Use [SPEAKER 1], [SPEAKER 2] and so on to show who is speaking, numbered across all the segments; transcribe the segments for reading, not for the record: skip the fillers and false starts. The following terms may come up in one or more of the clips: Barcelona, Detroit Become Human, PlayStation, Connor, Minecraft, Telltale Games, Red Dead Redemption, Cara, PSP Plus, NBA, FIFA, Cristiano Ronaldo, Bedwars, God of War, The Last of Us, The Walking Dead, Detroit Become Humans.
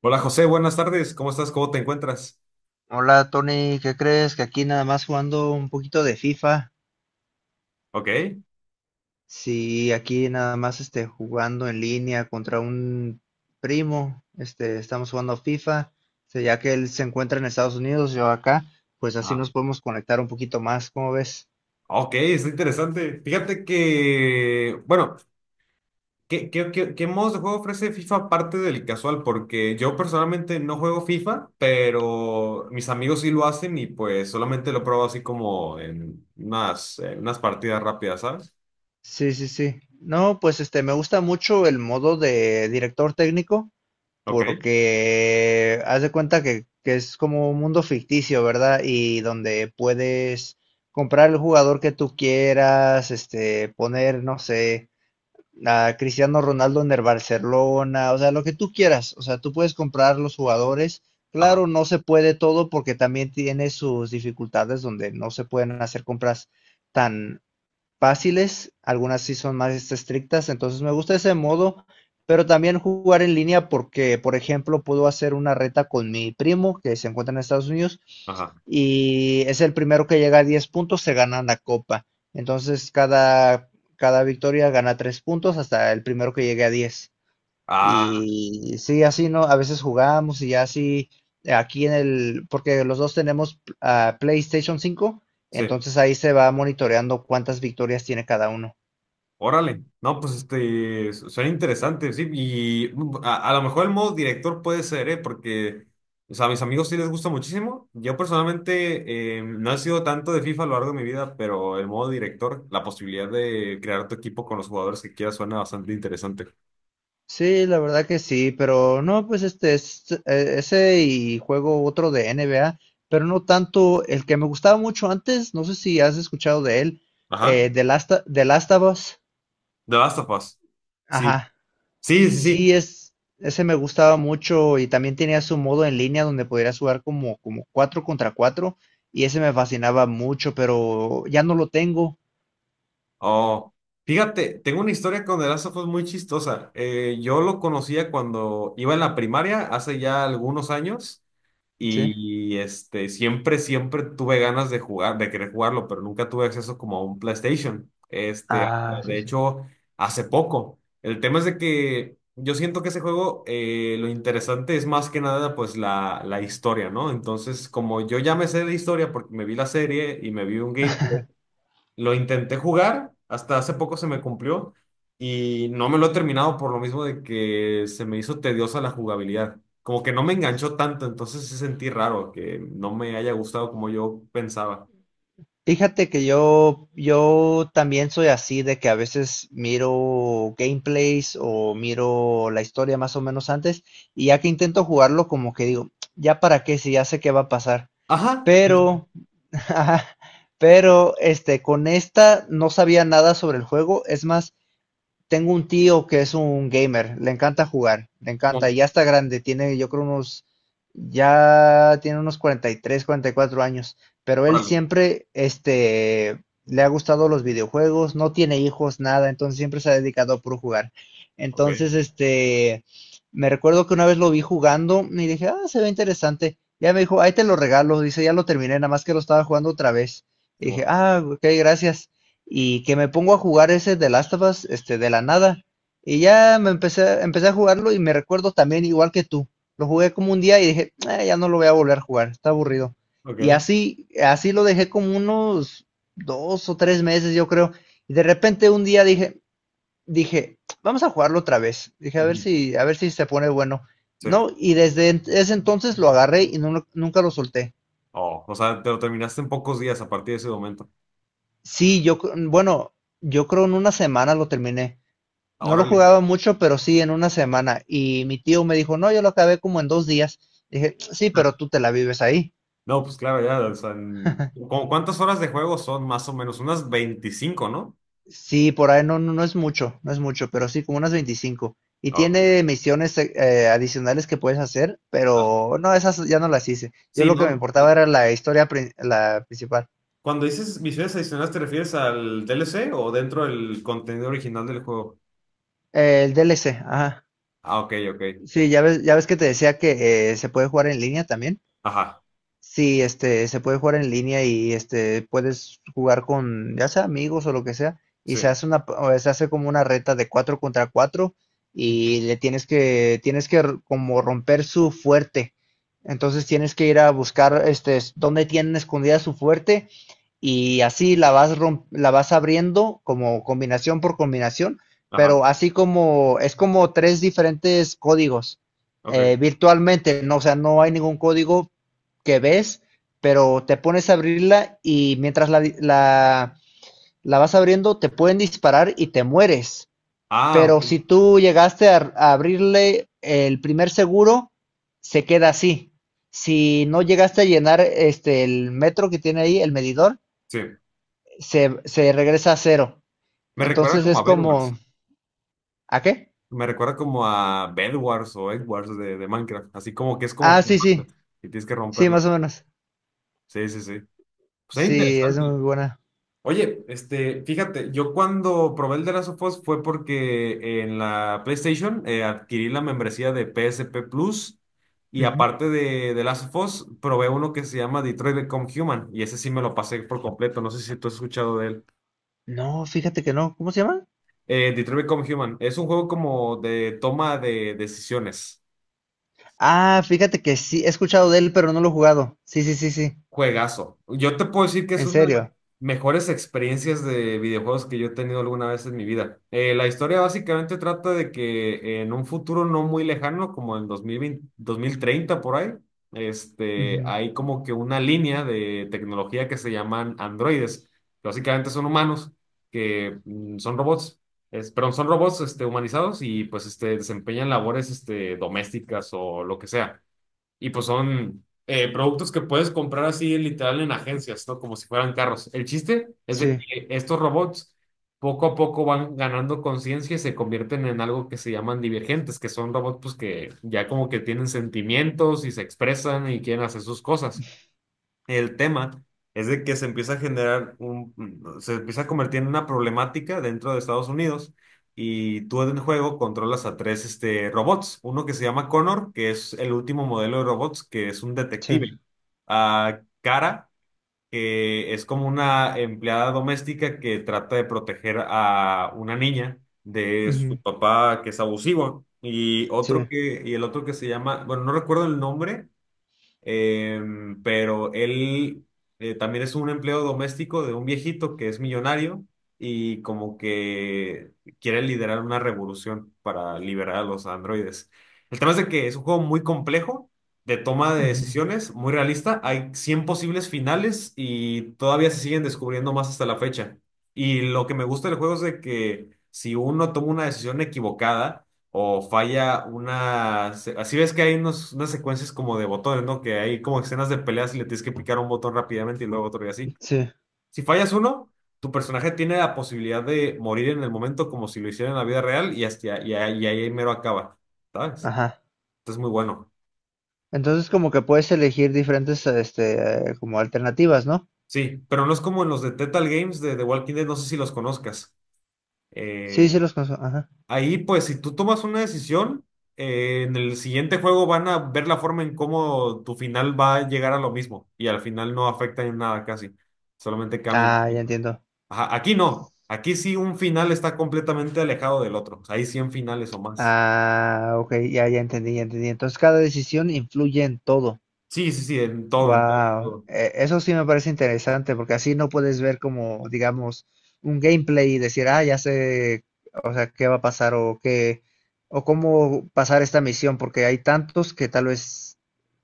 [SPEAKER 1] Hola José, buenas tardes. ¿Cómo estás? ¿Cómo te encuentras?
[SPEAKER 2] Hola Tony, ¿qué crees? Que aquí nada más jugando un poquito de FIFA.
[SPEAKER 1] Ok.
[SPEAKER 2] Sí, aquí nada más jugando en línea contra un primo. Estamos jugando FIFA. Ya que él se encuentra en Estados Unidos, yo acá, pues así
[SPEAKER 1] Ah,
[SPEAKER 2] nos podemos conectar un poquito más, ¿cómo ves?
[SPEAKER 1] ok, está interesante. Fíjate que, bueno, ¿qué modos de juego ofrece FIFA aparte del casual? Porque yo personalmente no juego FIFA, pero mis amigos sí lo hacen y pues solamente lo pruebo así como en unas partidas rápidas, ¿sabes?
[SPEAKER 2] Sí, sí, sí. No, pues me gusta mucho el modo de director técnico.
[SPEAKER 1] Ok.
[SPEAKER 2] Porque haz de cuenta que es como un mundo ficticio, ¿verdad? Y donde puedes comprar el jugador que tú quieras, poner, no sé, a Cristiano Ronaldo en el Barcelona, o sea, lo que tú quieras, o sea, tú puedes comprar los jugadores.
[SPEAKER 1] Ajá,
[SPEAKER 2] Claro, no se puede todo porque también tiene sus dificultades donde no se pueden hacer compras tan fáciles, algunas sí son más estrictas, entonces me gusta ese modo, pero también jugar en línea porque, por ejemplo, puedo hacer una reta con mi primo que se encuentra en Estados Unidos
[SPEAKER 1] ajá.
[SPEAKER 2] y es el primero que llega a 10 puntos, se gana la copa. Entonces cada victoria gana 3 puntos hasta el primero que llegue a 10.
[SPEAKER 1] Ah,
[SPEAKER 2] Y sí, así no, a veces jugábamos y así aquí porque los dos tenemos PlayStation 5,
[SPEAKER 1] sí.
[SPEAKER 2] entonces ahí se va monitoreando cuántas victorias tiene cada uno.
[SPEAKER 1] Órale, no, pues este, suena interesante, sí, y a lo mejor el modo director puede ser, ¿eh? Porque, o sea, a mis amigos sí les gusta muchísimo. Yo personalmente no he sido tanto de FIFA a lo largo de mi vida, pero el modo director, la posibilidad de crear tu equipo con los jugadores que quieras suena bastante interesante.
[SPEAKER 2] Sí, la verdad que sí, pero no, pues es ese y juego otro de NBA, pero no tanto el que me gustaba mucho antes, no sé si has escuchado de él,
[SPEAKER 1] Ajá,
[SPEAKER 2] The Last of Us.
[SPEAKER 1] The Last of Us. Sí,
[SPEAKER 2] Ajá.
[SPEAKER 1] sí, sí, sí.
[SPEAKER 2] Sí, ese me gustaba mucho y también tenía su modo en línea donde podrías jugar como 4 contra cuatro, y ese me fascinaba mucho, pero ya no lo tengo.
[SPEAKER 1] Oh, fíjate, tengo una historia con The Last of Us muy chistosa. Yo lo conocía cuando iba en la primaria, hace ya algunos años.
[SPEAKER 2] Sí.
[SPEAKER 1] Y este, siempre tuve ganas de jugar, de querer jugarlo, pero nunca tuve acceso como a un PlayStation. Este,
[SPEAKER 2] Ah, sí,
[SPEAKER 1] de
[SPEAKER 2] sí.
[SPEAKER 1] hecho, hace poco. El tema es de que yo siento que ese juego, lo interesante es más que nada, pues, la historia, ¿no? Entonces, como yo ya me sé de historia porque me vi la serie y me vi un gameplay lo intenté jugar, hasta hace poco se me cumplió y no me lo he terminado por lo mismo de que se me hizo tediosa la jugabilidad. Como que no me enganchó tanto, entonces sí sentí raro que no me haya gustado como yo pensaba.
[SPEAKER 2] Fíjate que yo también soy así de que a veces miro gameplays o miro la historia más o menos antes, y ya que intento jugarlo como que digo, ¿ya para qué? Si ya sé qué va a pasar.
[SPEAKER 1] Ajá.
[SPEAKER 2] Pero, con esta no sabía nada sobre el juego. Es más, tengo un tío que es un gamer, le encanta jugar, le encanta, y
[SPEAKER 1] Simón,
[SPEAKER 2] ya está grande, tiene yo creo unos, ya tiene unos 43, 44 años, pero él
[SPEAKER 1] órale.
[SPEAKER 2] siempre, le ha gustado los videojuegos, no tiene hijos, nada, entonces siempre se ha dedicado a puro jugar.
[SPEAKER 1] Ok,
[SPEAKER 2] Entonces, me recuerdo que una vez lo vi jugando y dije, ah, se ve interesante. Ya me dijo, ahí te lo regalo, dice, ya lo terminé, nada más que lo estaba jugando otra vez. Y dije,
[SPEAKER 1] Simón.
[SPEAKER 2] ah, ok, gracias, y que me pongo a jugar ese de Last of Us, de la nada. Y ya empecé a jugarlo y me recuerdo también igual que tú. Lo jugué como un día y dije: "Ah, ya no lo voy a volver a jugar, está aburrido". Y
[SPEAKER 1] Ok.
[SPEAKER 2] así lo dejé como unos 2 o 3 meses, yo creo. Y de repente un día dije, vamos a jugarlo otra vez. Dije, a ver
[SPEAKER 1] Ujú.
[SPEAKER 2] si, a ver si se pone bueno.
[SPEAKER 1] Sí.
[SPEAKER 2] No, y desde ese entonces lo agarré y nunca lo solté.
[SPEAKER 1] Oh, o sea, te lo terminaste en pocos días a partir de ese momento.
[SPEAKER 2] Sí, bueno, yo creo en una semana lo terminé.
[SPEAKER 1] Ah,
[SPEAKER 2] No lo
[SPEAKER 1] órale.
[SPEAKER 2] jugaba mucho, pero sí en una semana. Y mi tío me dijo, no, yo lo acabé como en 2 días. Dije, sí, pero tú te la vives ahí.
[SPEAKER 1] No, pues claro, ya, o sea, ¿cómo cuántas horas de juego son más o menos? Unas 25, ¿no?
[SPEAKER 2] Sí, por ahí no, no, no es mucho, pero sí, como unas 25. Y
[SPEAKER 1] Ah, ok.
[SPEAKER 2] tiene misiones adicionales que puedes hacer,
[SPEAKER 1] Ah,
[SPEAKER 2] pero no, esas ya no las hice. Yo
[SPEAKER 1] sí,
[SPEAKER 2] lo que me
[SPEAKER 1] no.
[SPEAKER 2] importaba
[SPEAKER 1] no,
[SPEAKER 2] era la historia la principal.
[SPEAKER 1] cuando dices misiones adicionales, ¿te refieres al DLC o dentro del contenido original del juego?
[SPEAKER 2] El DLC, ajá.
[SPEAKER 1] Ah, ok, ok.
[SPEAKER 2] Sí, ya ves que te decía que se puede jugar en línea también.
[SPEAKER 1] Ajá,
[SPEAKER 2] Sí, se puede jugar en línea y puedes jugar con ya sea amigos o lo que sea, y
[SPEAKER 1] sí.
[SPEAKER 2] o se hace como una reta de cuatro contra cuatro,
[SPEAKER 1] Ujú.
[SPEAKER 2] y tienes que como romper su fuerte. Entonces tienes que ir a buscar dónde tienen escondida su fuerte, y así la vas abriendo como combinación por combinación,
[SPEAKER 1] Ajá,
[SPEAKER 2] pero así como es como tres diferentes códigos
[SPEAKER 1] ok.
[SPEAKER 2] virtualmente, no, o sea, no hay ningún código que ves, pero te pones a abrirla y mientras la vas abriendo te pueden disparar y te mueres.
[SPEAKER 1] Ah, ok.
[SPEAKER 2] Pero si tú llegaste a abrirle el primer seguro, se queda así. Si no llegaste a llenar el metro que tiene ahí, el medidor,
[SPEAKER 1] Sí.
[SPEAKER 2] se regresa a cero.
[SPEAKER 1] Me recuerda
[SPEAKER 2] Entonces
[SPEAKER 1] como
[SPEAKER 2] es
[SPEAKER 1] a
[SPEAKER 2] como,
[SPEAKER 1] Bedwars.
[SPEAKER 2] ¿a qué?
[SPEAKER 1] Me recuerda como a Bedwars o Edwards de Minecraft. Así como que es como
[SPEAKER 2] Ah,
[SPEAKER 1] por
[SPEAKER 2] sí, sí,
[SPEAKER 1] bandas, y tienes que
[SPEAKER 2] sí,
[SPEAKER 1] romperla.
[SPEAKER 2] más o menos.
[SPEAKER 1] Sí, sí, sí. Pues es
[SPEAKER 2] Sí, es
[SPEAKER 1] interesante.
[SPEAKER 2] muy buena.
[SPEAKER 1] Oye, este, fíjate, yo cuando probé el de Last of Us fue porque en la PlayStation adquirí la membresía de PSP Plus y
[SPEAKER 2] Ujú.
[SPEAKER 1] aparte de Last of Us probé uno que se llama Detroit Become Human y ese sí me lo pasé por completo, no sé si tú has escuchado de él.
[SPEAKER 2] No, fíjate que no. ¿Cómo se llama?
[SPEAKER 1] Detroit Become Human es un juego como de toma de decisiones.
[SPEAKER 2] Ah, fíjate que sí, he escuchado de él, pero no lo he jugado. Sí, sí, sí, sí.
[SPEAKER 1] Juegazo. Yo te puedo decir que es
[SPEAKER 2] En
[SPEAKER 1] una de las
[SPEAKER 2] serio.
[SPEAKER 1] mejores experiencias de videojuegos que yo he tenido alguna vez en mi vida. La historia básicamente trata de que en un futuro no muy lejano, como en 2020, 2030 por ahí, este,
[SPEAKER 2] Ujú.
[SPEAKER 1] hay como que una línea de tecnología que se llaman androides, que básicamente son humanos, que son robots, perdón, son robots este, humanizados y pues este, desempeñan labores este, domésticas o lo que sea. Y pues son productos que puedes comprar así literal en agencias, ¿no? Como si fueran carros. El chiste es de
[SPEAKER 2] Sí,
[SPEAKER 1] que estos robots poco a poco van ganando conciencia y se convierten en algo que se llaman divergentes, que son robots pues que ya como que tienen sentimientos y se expresan y quieren hacer sus cosas. El tema es de que se empieza a generar un, se empieza a convertir en una problemática dentro de Estados Unidos y tú en el juego controlas a tres este, robots. Uno que se llama Connor, que es el último modelo de robots, que es un
[SPEAKER 2] sí.
[SPEAKER 1] detective. A Cara, que es como una empleada doméstica que trata de proteger a una niña de su
[SPEAKER 2] Ujú.
[SPEAKER 1] papá que es abusivo.
[SPEAKER 2] Sí.
[SPEAKER 1] Y el otro que se llama, bueno, no recuerdo el nombre. Pero él también es un empleo doméstico de un viejito que es millonario y como que quiere liderar una revolución para liberar a los androides. El tema es de que es un juego muy complejo, de toma de
[SPEAKER 2] Ujú.
[SPEAKER 1] decisiones, muy realista. Hay 100 posibles finales y todavía se siguen descubriendo más hasta la fecha. Y lo que me gusta del juego es de que si uno toma una decisión equivocada, o falla una... Así ves que hay unos, unas secuencias como de botones, ¿no? Que hay como escenas de peleas y le tienes que picar un botón rápidamente y luego otro y así.
[SPEAKER 2] Sí.
[SPEAKER 1] Si fallas uno, tu personaje tiene la posibilidad de morir en el momento como si lo hiciera en la vida real y, y ahí mero acaba, ¿sabes?
[SPEAKER 2] Ajá.
[SPEAKER 1] Entonces muy bueno.
[SPEAKER 2] Entonces como que puedes elegir diferentes, como alternativas, ¿no?
[SPEAKER 1] Sí, pero no es como en los de Telltale Games de The Walking Dead, no sé si los conozcas.
[SPEAKER 2] Sí,
[SPEAKER 1] eh,
[SPEAKER 2] sí los conozco. Ajá.
[SPEAKER 1] Ahí, pues, si tú tomas una decisión, en el siguiente juego van a ver la forma en cómo tu final va a llegar a lo mismo y al final no afecta en nada casi, solamente cambia un
[SPEAKER 2] Ah, ya
[SPEAKER 1] poquito.
[SPEAKER 2] entiendo.
[SPEAKER 1] Ajá, aquí no, aquí sí un final está completamente alejado del otro, hay 100 finales o más.
[SPEAKER 2] Ah, ok, ya entendí, ya entendí. Entonces cada decisión influye en todo.
[SPEAKER 1] Sí, sí, sí, en todo,
[SPEAKER 2] Wow,
[SPEAKER 1] todo.
[SPEAKER 2] eso sí me parece interesante porque así no puedes ver como, digamos, un gameplay y decir, ah, ya sé, o sea, qué va a pasar o qué, o cómo pasar esta misión, porque hay tantos que tal vez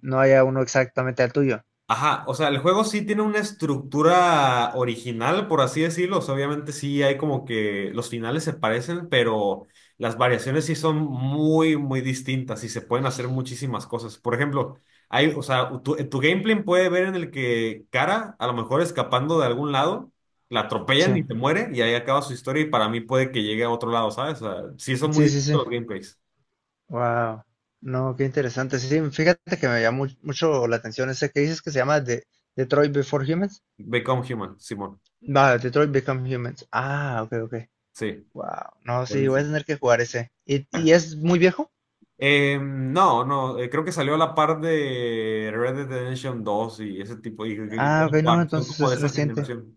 [SPEAKER 2] no haya uno exactamente al tuyo.
[SPEAKER 1] Ajá, o sea, el juego sí tiene una estructura original, por así decirlo. O sea, obviamente sí hay como que los finales se parecen, pero las variaciones sí son muy, muy distintas y se pueden hacer muchísimas cosas. Por ejemplo, hay, o sea, tu gameplay puede ver en el que Cara, a lo mejor escapando de algún lado, la atropellan y
[SPEAKER 2] Sí,
[SPEAKER 1] te muere y ahí acaba su historia y para mí puede que llegue a otro lado, ¿sabes? O sea, sí son muy
[SPEAKER 2] sí, sí,
[SPEAKER 1] distintos
[SPEAKER 2] sí.
[SPEAKER 1] los gameplays.
[SPEAKER 2] Wow, no, qué interesante. Sí, fíjate que me llamó mucho la atención ese que dices que se llama Detroit Before Humans.
[SPEAKER 1] Become Human, Simón.
[SPEAKER 2] Va, Detroit Become Humans. Ah, ok, ok.
[SPEAKER 1] Sí,
[SPEAKER 2] Wow, no, sí, voy a
[SPEAKER 1] buenísimo.
[SPEAKER 2] tener que jugar ese. ¿Y es muy viejo?
[SPEAKER 1] No, no, creo que salió a la par de Red Dead Redemption 2 y ese tipo, y
[SPEAKER 2] Ah,
[SPEAKER 1] God
[SPEAKER 2] ok,
[SPEAKER 1] of
[SPEAKER 2] no,
[SPEAKER 1] War, son
[SPEAKER 2] entonces
[SPEAKER 1] como de
[SPEAKER 2] es
[SPEAKER 1] esa
[SPEAKER 2] reciente.
[SPEAKER 1] generación.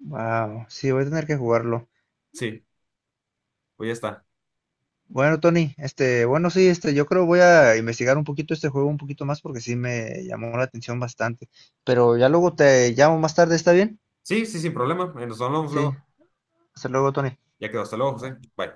[SPEAKER 2] Wow, sí, voy a tener que jugarlo.
[SPEAKER 1] Sí, pues ya está.
[SPEAKER 2] Bueno, Tony, bueno, sí, yo creo voy a investigar un poquito este juego un poquito más, porque sí me llamó la atención bastante. Pero ya luego te llamo más tarde, ¿está bien?
[SPEAKER 1] Sí, sí, sin problema. Nos hablamos
[SPEAKER 2] Sí,
[SPEAKER 1] luego.
[SPEAKER 2] hasta luego, Tony.
[SPEAKER 1] Ya quedó, hasta luego, José. Bye.